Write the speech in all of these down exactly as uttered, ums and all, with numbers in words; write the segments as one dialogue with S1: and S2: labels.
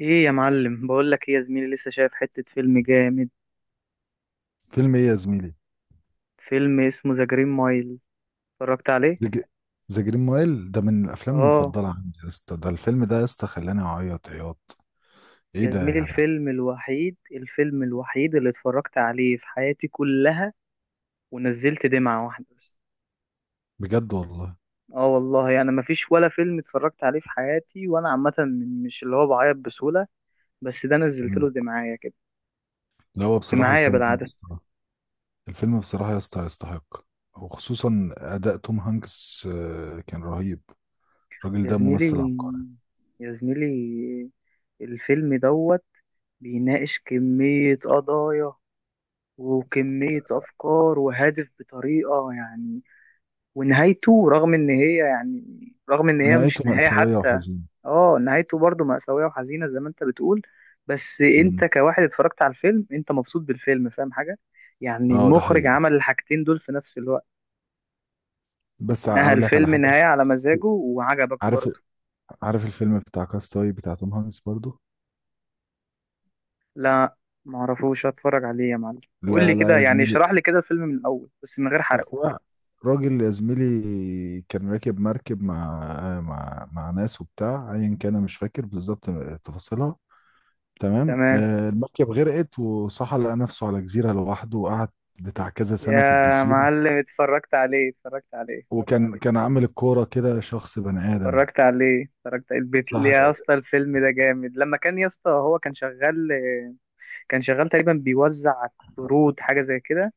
S1: ايه يا معلم، بقول لك ايه يا زميلي، لسه شايف حتة فيلم جامد.
S2: فيلم ايه يا زميلي؟
S1: فيلم اسمه ذا جرين مايل، اتفرجت عليه.
S2: ذا ج- ذا جرين مايل ده من الافلام
S1: اه
S2: المفضله عندي يا اسطى. ده الفيلم ده يا اسطى خلاني اعيط عياط. ايه
S1: يا
S2: ده يا
S1: زميلي،
S2: جدع؟
S1: الفيلم الوحيد الفيلم الوحيد اللي اتفرجت عليه في حياتي كلها، ونزلت دمعة واحدة بس.
S2: بجد والله.
S1: اه والله انا مفيش ولا فيلم اتفرجت عليه في حياتي وانا عامة، مش اللي هو بعيط بسهولة، بس ده نزلت
S2: مم.
S1: له دمعاية كده،
S2: لا هو بصراحه
S1: دمعاية
S2: الفيلم يا
S1: بالعدد.
S2: اسطى، الفيلم بصراحه يا اسطى يستحق، وخصوصا اداء توم هانكس آه، كان رهيب. الراجل
S1: يا
S2: ده ممثل
S1: زميلي
S2: عبقري.
S1: يا زميلي الفيلم دوت بيناقش كمية قضايا وكمية أفكار، وهادف بطريقة يعني، ونهايته رغم إن هي يعني رغم إن هي مش
S2: نهايته
S1: نهاية
S2: مأساويه
S1: حتى.
S2: وحزينه.
S1: آه، نهايته برضو مأساوية وحزينة زي ما أنت بتقول. بس
S2: مم.
S1: أنت كواحد اتفرجت على الفيلم، أنت مبسوط بالفيلم؟ فاهم حاجة؟ يعني
S2: اه ده
S1: المخرج
S2: حقيقي،
S1: عمل الحاجتين دول في نفس الوقت،
S2: بس ع-
S1: نهى
S2: اقول لك على
S1: الفيلم
S2: حاجه.
S1: نهاية على مزاجه وعجبك
S2: عارف،
S1: برضه.
S2: عارف الفيلم بتاع كاستاوي بتاع توم هانكس برضو؟
S1: لا، معرفوش، هتفرج عليه يا معلم؟ قول لي
S2: لا لا
S1: كده،
S2: يا
S1: يعني اشرح
S2: زميلي.
S1: لي كده الفيلم من الأول، بس من غير حرق.
S2: وا- راجل يا زميلي كان راكب مركب مع مع مع ناس وبتاع، ايا كان أنا مش فاكر بالظبط تفاصيلها. تمام،
S1: تمام
S2: آه، المركب غرقت وصحى لقى نفسه على جزيرة لوحده، وقعد بتاع كذا
S1: يا
S2: سنة في الجزيرة.
S1: معلم، اتفرجت عليه اتفرجت عليه،
S2: وكان كان عامل الكورة كده شخص بني آدم.
S1: اتفرجت عليه، اتفرجت البيت ليه
S2: صح.
S1: يا اسطى. الفيلم ده جامد، لما كان يا اسطى هو كان شغال كان شغال تقريبا بيوزع طرود، حاجه زي كده.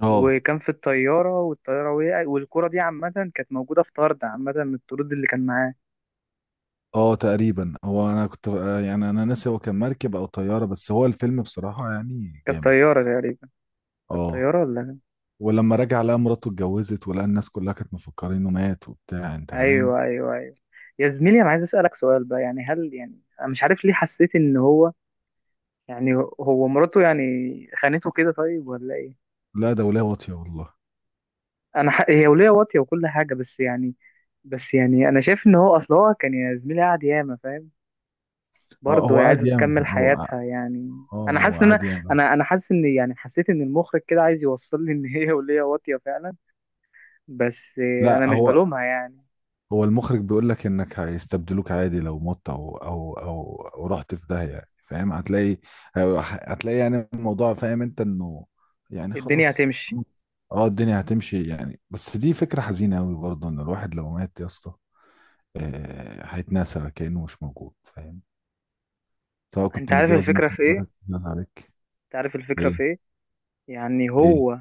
S2: اه،
S1: وكان في الطياره، والطياره وقعت، والكره دي عامه كانت موجوده في طرد، عامه من الطرود اللي كان معاه.
S2: اه تقريبا. هو انا كنت يعني، انا ناسي هو كان مركب او طيارة، بس هو الفيلم بصراحة يعني
S1: كانت
S2: جامد.
S1: طياره تقريبا، كانت
S2: اه.
S1: طياره ولا؟
S2: ولما رجع لقى مراته اتجوزت، ولقى الناس كلها كانت مفكرين انه مات وبتاع، انت فاهم.
S1: ايوه ايوه ايوه. يا زميلي، انا عايز اسالك سؤال بقى. يعني هل، يعني انا مش عارف ليه حسيت ان هو، يعني هو مراته يعني خانته كده، طيب ولا ايه؟
S2: لا ده ولا واطيه والله.
S1: انا ح... هي ولية واطية وكل حاجة، بس يعني بس يعني انا شايف ان هو، اصل هو كان يا زميلي قاعد ياما، فاهم؟
S2: اه
S1: برضه
S2: هو
S1: هي
S2: قاعد
S1: عايزة
S2: يعمل،
S1: تكمل
S2: هو اه
S1: حياتها، يعني انا
S2: هو
S1: حاسس ان انا
S2: قاعد يعمل.
S1: انا أنا حاسس ان، يعني حسيت ان المخرج كده عايز يوصل لي ان هي ولية واطية فعلا، بس انا
S2: لا
S1: مش
S2: هو
S1: بلومها يعني.
S2: هو المخرج بيقول لك انك هيستبدلوك عادي لو مت او او او, أو رحت في داهيه، يعني فاهم، هتلاقي، هتلاقي يعني الموضوع، فاهم انت انه يعني
S1: الدنيا
S2: خلاص.
S1: هتمشي.
S2: اه الدنيا هتمشي يعني. بس دي فكره حزينه قوي برضه ان الواحد لو مات يا اسطى، آه، هيتنسى كانه مش موجود، فاهم؟ سواء
S1: انت
S2: كنت
S1: عارف
S2: متجوز،
S1: الفكرة
S2: ممكن
S1: في
S2: مراتك
S1: ايه؟
S2: تتجوز عليك.
S1: انت عارف الفكرة في
S2: ايه؟
S1: ايه؟ يعني
S2: ايه؟
S1: هو،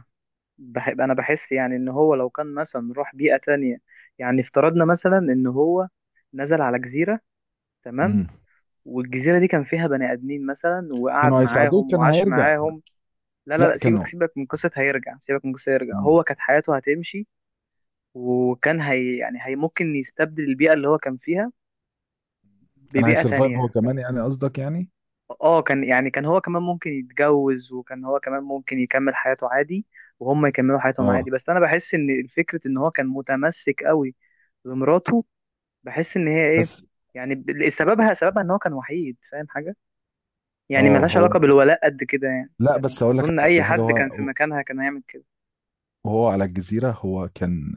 S1: بح... انا بحس يعني ان هو لو كان مثلا راح بيئة تانية، يعني افترضنا مثلا ان هو نزل على جزيرة، تمام؟
S2: امم،
S1: والجزيرة دي كان فيها بني آدمين مثلا، وقعد
S2: كانوا هيساعدوه،
S1: معاهم
S2: كان
S1: وعاش
S2: هيرجع.
S1: معاهم. لا لا
S2: لا
S1: لا،
S2: كانوا.
S1: سيبك سيبك من قصة هيرجع، سيبك من قصة هيرجع،
S2: مم.
S1: هو كانت حياته هتمشي. وكان هي يعني هي ممكن يستبدل البيئة اللي هو كان فيها
S2: كان
S1: ببيئة
S2: هيسرفايف هو
S1: تانية.
S2: كمان يعني، قصدك يعني.
S1: اه، كان يعني كان هو كمان ممكن يتجوز، وكان هو كمان ممكن يكمل حياته عادي، وهم يكملوا حياتهم عادي.
S2: اه.
S1: بس انا بحس ان فكرة ان هو كان متمسك قوي بمراته، بحس ان هي ايه،
S2: بس
S1: يعني ب- سببها سببها ان هو كان وحيد، فاهم حاجة؟ يعني
S2: اه
S1: ملهاش
S2: هو
S1: علاقة بالولاء قد كده يعني.
S2: لا بس اقول لك
S1: اظن اي
S2: على حاجه
S1: حد كان في
S2: هو،
S1: مكانها كان هيعمل كده.
S2: وهو على الجزيره هو كان،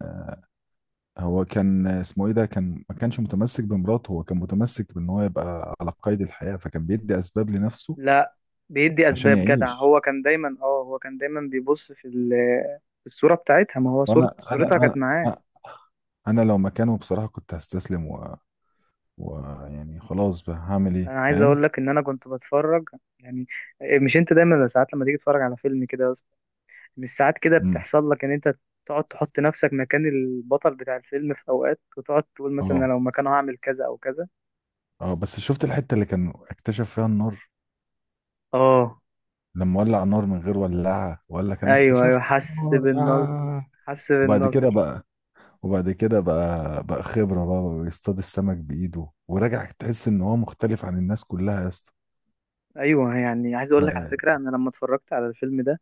S2: هو كان اسمه ايه ده، كان ما كانش متمسك بمراته، هو كان متمسك بان هو يبقى على قيد الحياه، فكان بيدي اسباب لنفسه
S1: لا، بيدي
S2: عشان
S1: اسباب جدع،
S2: يعيش.
S1: هو كان دايما، اه هو كان دايما بيبص في ال- في الصوره بتاعتها، ما هو صورة،
S2: وانا
S1: صورتها
S2: انا
S1: كانت
S2: انا
S1: معاه.
S2: انا لو مكانه بصراحه كنت هستسلم، ويعني خلاص بقى هعمل ايه،
S1: انا عايز اقول
S2: فاهم؟
S1: لك ان انا كنت بتفرج يعني، آه، مش انت دايما، بس ساعات لما تيجي تتفرج على فيلم كده يا اسطى، مش ساعات كده
S2: امم.
S1: بتحصل لك ان انت تقعد تحط نفسك مكان البطل بتاع الفيلم في اوقات، وتقعد تقول مثلا انا
S2: اه،
S1: لو مكانه هعمل كذا او كذا.
S2: اه بس شفت الحتة اللي كان اكتشف فيها النار،
S1: اه،
S2: لما ولع النار من غير ولاعة وقال لك انا
S1: ايوه ايوه،
S2: اكتشفت
S1: حس
S2: النار؟
S1: بالنصر،
S2: آه.
S1: حس
S2: وبعد
S1: بالنصر.
S2: كده بقى وبعد كده بقى بقى خبرة، بقى, بقى بيصطاد السمك بإيده وراجع، تحس ان هو مختلف عن الناس كلها يا اسطى.
S1: ايوه، يعني عايز
S2: اه.
S1: اقول لك على
S2: آه،
S1: فكره، انا لما اتفرجت على الفيلم ده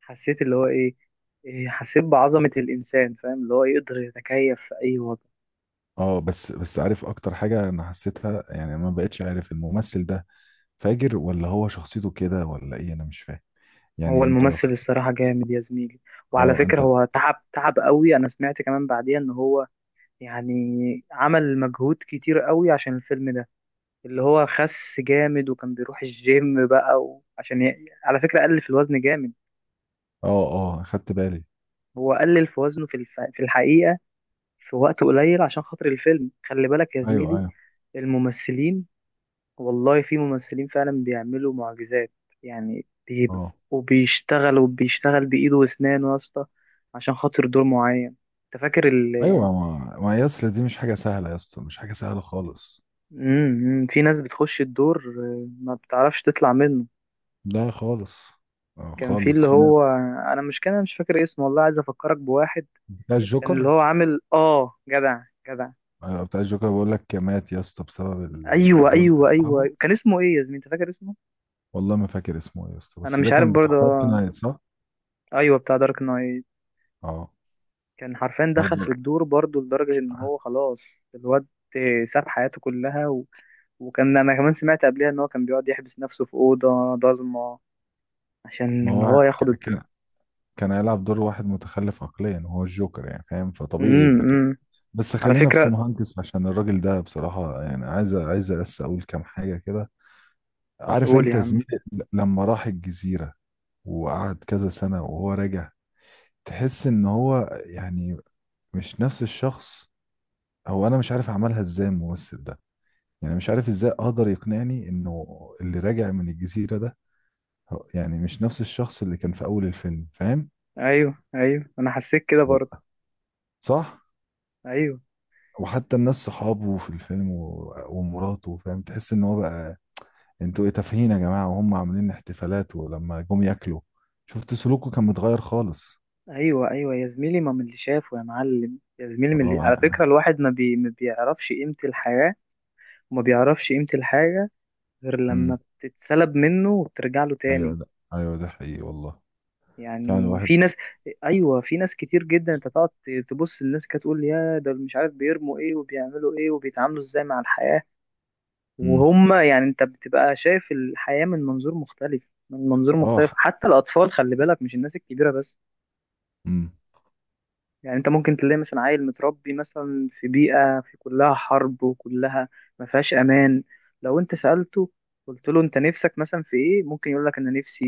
S1: حسيت اللي هو ايه، إيه، حسيت بعظمة الإنسان، فاهم؟ اللي هو يقدر يتكيف في أي وضع.
S2: آه، بس بس عارف اكتر حاجة انا حسيتها؟ يعني ما بقتش عارف الممثل ده فاجر ولا هو شخصيته كده ولا ايه، انا مش فاهم.
S1: هو
S2: يعني انت لو
S1: الممثل
S2: خدت.
S1: الصراحة جامد يا زميلي، وعلى
S2: اه انت.
S1: فكرة هو تعب، تعب قوي. أنا سمعت كمان بعديها إن هو يعني عمل مجهود كتير قوي عشان الفيلم ده، اللي هو خس جامد، وكان بيروح الجيم بقى و... عشان ي... على فكرة قلل في الوزن جامد.
S2: اه، اه خدت بالي.
S1: هو قلل في وزنه في الف... في الحقيقة في وقت قليل عشان خاطر الفيلم. خلي بالك يا
S2: ايوه
S1: زميلي،
S2: ايوه.
S1: الممثلين، والله في ممثلين فعلا بيعملوا معجزات. يعني بيبقى،
S2: اه.
S1: وبيشتغل وبيشتغل بإيده وأسنانه يا اسطى، عشان خاطر دور معين. انت فاكر ال
S2: ايوه ما ما يا اسطى دي مش حاجه سهله يا اسطى، مش حاجه سهله خالص.
S1: امم في ناس بتخش الدور، آه، ما بتعرفش تطلع منه.
S2: لا خالص. آه
S1: كان في اللي
S2: خالص في ناس.
S1: هو، انا مش كان أنا مش فاكر اسمه والله، عايز افكرك بواحد،
S2: بتاع
S1: كان اللي
S2: الجوكر.
S1: هو عامل اه جدع، جدع.
S2: آه، بتاع الجوكر بيقول لك مات يا اسطى بسبب
S1: ايوه
S2: الدول اللي
S1: ايوه ايوه،
S2: لعبه.
S1: أيوه. كان اسمه ايه يا زميلي؟ انت فاكر اسمه؟
S2: والله ما فاكر اسمه يا اسطى،
S1: انا
S2: بس
S1: مش
S2: ده
S1: عارف
S2: كان بتاع
S1: برضه،
S2: دارك
S1: آه،
S2: نايت صح؟
S1: ايوه، بتاع دارك نايت.
S2: اه.
S1: كان حرفيا دخل في
S2: برضه.
S1: الدور برضه لدرجة إن هو خلاص، الواد ساب حياته كلها و... وكان، أنا كمان سمعت قبلها إن هو كان بيقعد يحبس نفسه في أوضة ضلمة
S2: ما
S1: عشان
S2: هو
S1: هو ياخد
S2: ك-
S1: الد...
S2: كان، كان هيلعب دور واحد متخلف عقليا، هو الجوكر يعني فاهم، فطبيعي
S1: امم،
S2: يبقى كده.
S1: إمم.
S2: بس
S1: على
S2: خلينا في توم
S1: فكرة،
S2: هانكس، عشان الراجل ده بصراحة يعني عايز، عايز بس أقول كام حاجة كده. عارف
S1: قول
S2: انت
S1: يا
S2: يا
S1: عم.
S2: زميلي، لما راح الجزيرة وقعد كذا سنة وهو راجع، تحس ان هو يعني مش نفس الشخص. هو انا مش عارف اعملها ازاي الممثل ده، يعني مش عارف ازاي اقدر يقنعني انه اللي راجع من الجزيرة ده هو- يعني مش نفس الشخص اللي كان في اول الفيلم، فاهم؟
S1: أيوه أيوه، أنا حسيت كده برضه.
S2: والله. صح.
S1: أيوه
S2: وحتى الناس صحابه في الفيلم و- ومراته، فاهم، تحس ان هو بقى انتوا ايه تافهين يا جماعة، وهم عاملين احتفالات ولما جم ياكلوا شفت سلوكه كان متغير خالص.
S1: أيوه أيوه يا زميلي، ما من اللي شافه يا معلم، يا زميلي من اللي... على فكرة
S2: اه.
S1: الواحد ما, بي... ما بيعرفش قيمة الحياة، وما بيعرفش قيمة الحاجة غير
S2: امم.
S1: لما بتتسلب منه وبترجع له
S2: ايوه
S1: تاني.
S2: ده، ايوه ده حقيقي والله. فعلا
S1: يعني
S2: الواحد.
S1: في ناس، ايوه، في ناس كتير جدا، انت تقعد تبص للناس كده تقول يا ده مش عارف بيرموا ايه وبيعملوا ايه وبيتعاملوا ازاي مع الحياة،
S2: امم.
S1: وهم يعني انت بتبقى شايف الحياة من منظور مختلف، من منظور
S2: اه.
S1: مختلف،
S2: ح-
S1: حتى الاطفال خلي بالك، مش الناس الكبيرة بس.
S2: امم.
S1: يعني انت ممكن تلاقي مثلا عيل متربي مثلا في بيئة في كلها حرب وكلها ما فيهاش امان. لو انت سألته، قلت له انت نفسك مثلا في ايه، ممكن يقول لك انا نفسي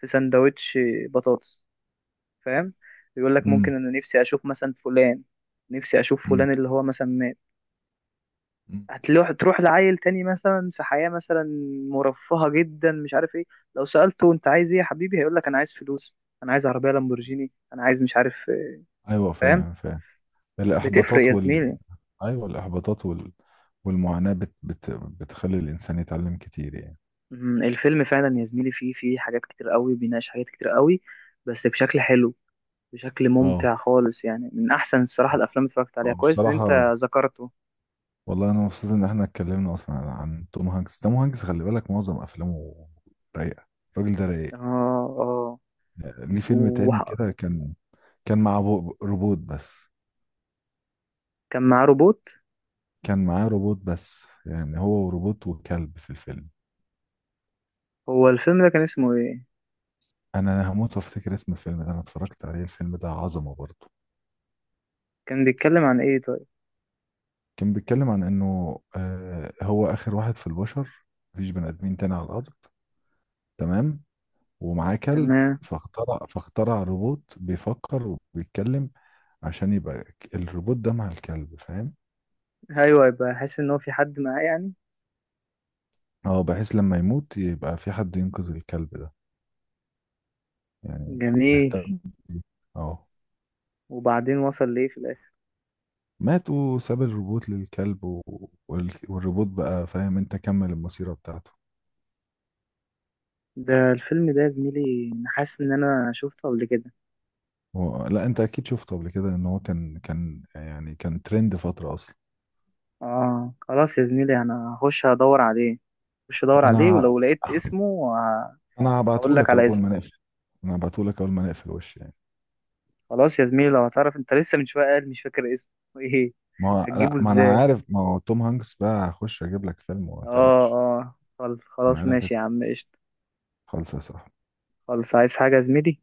S1: في سندوتش بطاطس، فاهم. يقول لك
S2: امم.
S1: ممكن انا نفسي اشوف مثلا فلان، نفسي اشوف
S2: امم.
S1: فلان اللي هو مثلا مات.
S2: أمم.
S1: هتروح تروح لعيل تاني مثلا في حياة مثلا مرفهة جدا، مش عارف ايه، لو سألته انت عايز ايه يا حبيبي، هيقول لك انا عايز فلوس، انا عايز عربية لامبورجيني، انا عايز مش عارف إيه.
S2: ايوه
S1: فاهم؟
S2: فاهم فاهم.
S1: بتفرق
S2: الاحباطات
S1: يا
S2: وال،
S1: زميلي.
S2: ايوه الاحباطات وال والمعاناة بت... بت... بتخلي الانسان يتعلم كتير يعني.
S1: مم، الفيلم فعلا يا زميلي فيه فيه حاجات كتير قوي، بيناقش حاجات كتير قوي، بس بشكل حلو، بشكل
S2: اه.
S1: ممتع خالص، يعني من احسن الصراحة الافلام اللي اتفرجت عليها.
S2: آه،
S1: كويس ان
S2: بصراحة
S1: انت ذكرته.
S2: والله انا مبسوط ان احنا اتكلمنا اصلا عن عن توم هانكس. توم هانكس خلي بالك معظم افلامه رايقة. الراجل ده
S1: اه،
S2: رايق.
S1: اه،
S2: ليه فيلم تاني كده، كان كان مع بو- روبوت بس.
S1: كان معاه روبوت.
S2: كان معاه روبوت، بس يعني هو وروبوت وكلب في الفيلم.
S1: هو الفيلم ده كان اسمه ايه؟
S2: انا هموت وافتكر اسم الفيلم ده، انا اتفرجت عليه الفيلم ده عظمة برضه.
S1: كان بيتكلم عن ايه طيب؟
S2: كان بيتكلم عن انه آه هو اخر واحد في البشر، مفيش بني ادمين تاني على الارض، تمام؟ ومعاه كلب،
S1: تمام.
S2: فاخترع فاخترع روبوت بيفكر وبيتكلم، عشان يبقى ك- الروبوت ده مع الكلب، فاهم؟
S1: ايوه، يبقى حاسس ان هو في حد معاه يعني.
S2: اه، بحيث لما يموت يبقى في حد ينقذ الكلب ده، يعني
S1: جميل.
S2: يهتم بيه. اه
S1: وبعدين وصل ليه في الاخر؟
S2: مات وساب الروبوت للكلب و... وال- والروبوت بقى فاهم انت، كمل المسيرة بتاعته.
S1: ده الفيلم ده يا زميلي، أنا حاسس ان انا شفته قبل كده.
S2: هو... لا انت اكيد شفته قبل كده، ان هو كان كان يعني كان ترند فترة اصلا.
S1: اه، خلاص يا زميلي، انا هخش ادور عليه هخش ادور عليه،
S2: انا
S1: ولو
S2: ه-
S1: لقيت اسمه ه-
S2: انا
S1: هقول
S2: هبعته
S1: لك
S2: لك
S1: على
S2: اول
S1: اسمه.
S2: ما نقفل، انا هبعته لك اول ما نقفل وش يعني.
S1: خلاص يا زميلي، لو هتعرف انت، لسه من شويه قال مش فاكر اسمه. ايه،
S2: ما هو... لا
S1: هتجيبه
S2: ما انا
S1: ازاي؟
S2: عارف ما هو توم هانكس بقى، هخش اجيب لك فيلم وما
S1: اه،
S2: تقلقش.
S1: اه، خلاص
S2: انا
S1: خلاص،
S2: عارف
S1: ماشي يا
S2: اسمه.
S1: عم، قشطة.
S2: خلص يا صاحبي.
S1: خلاص، عايز حاجه يا زميلي؟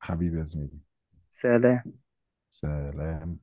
S2: حبيبي يا زميلي.
S1: سلام.
S2: سلام.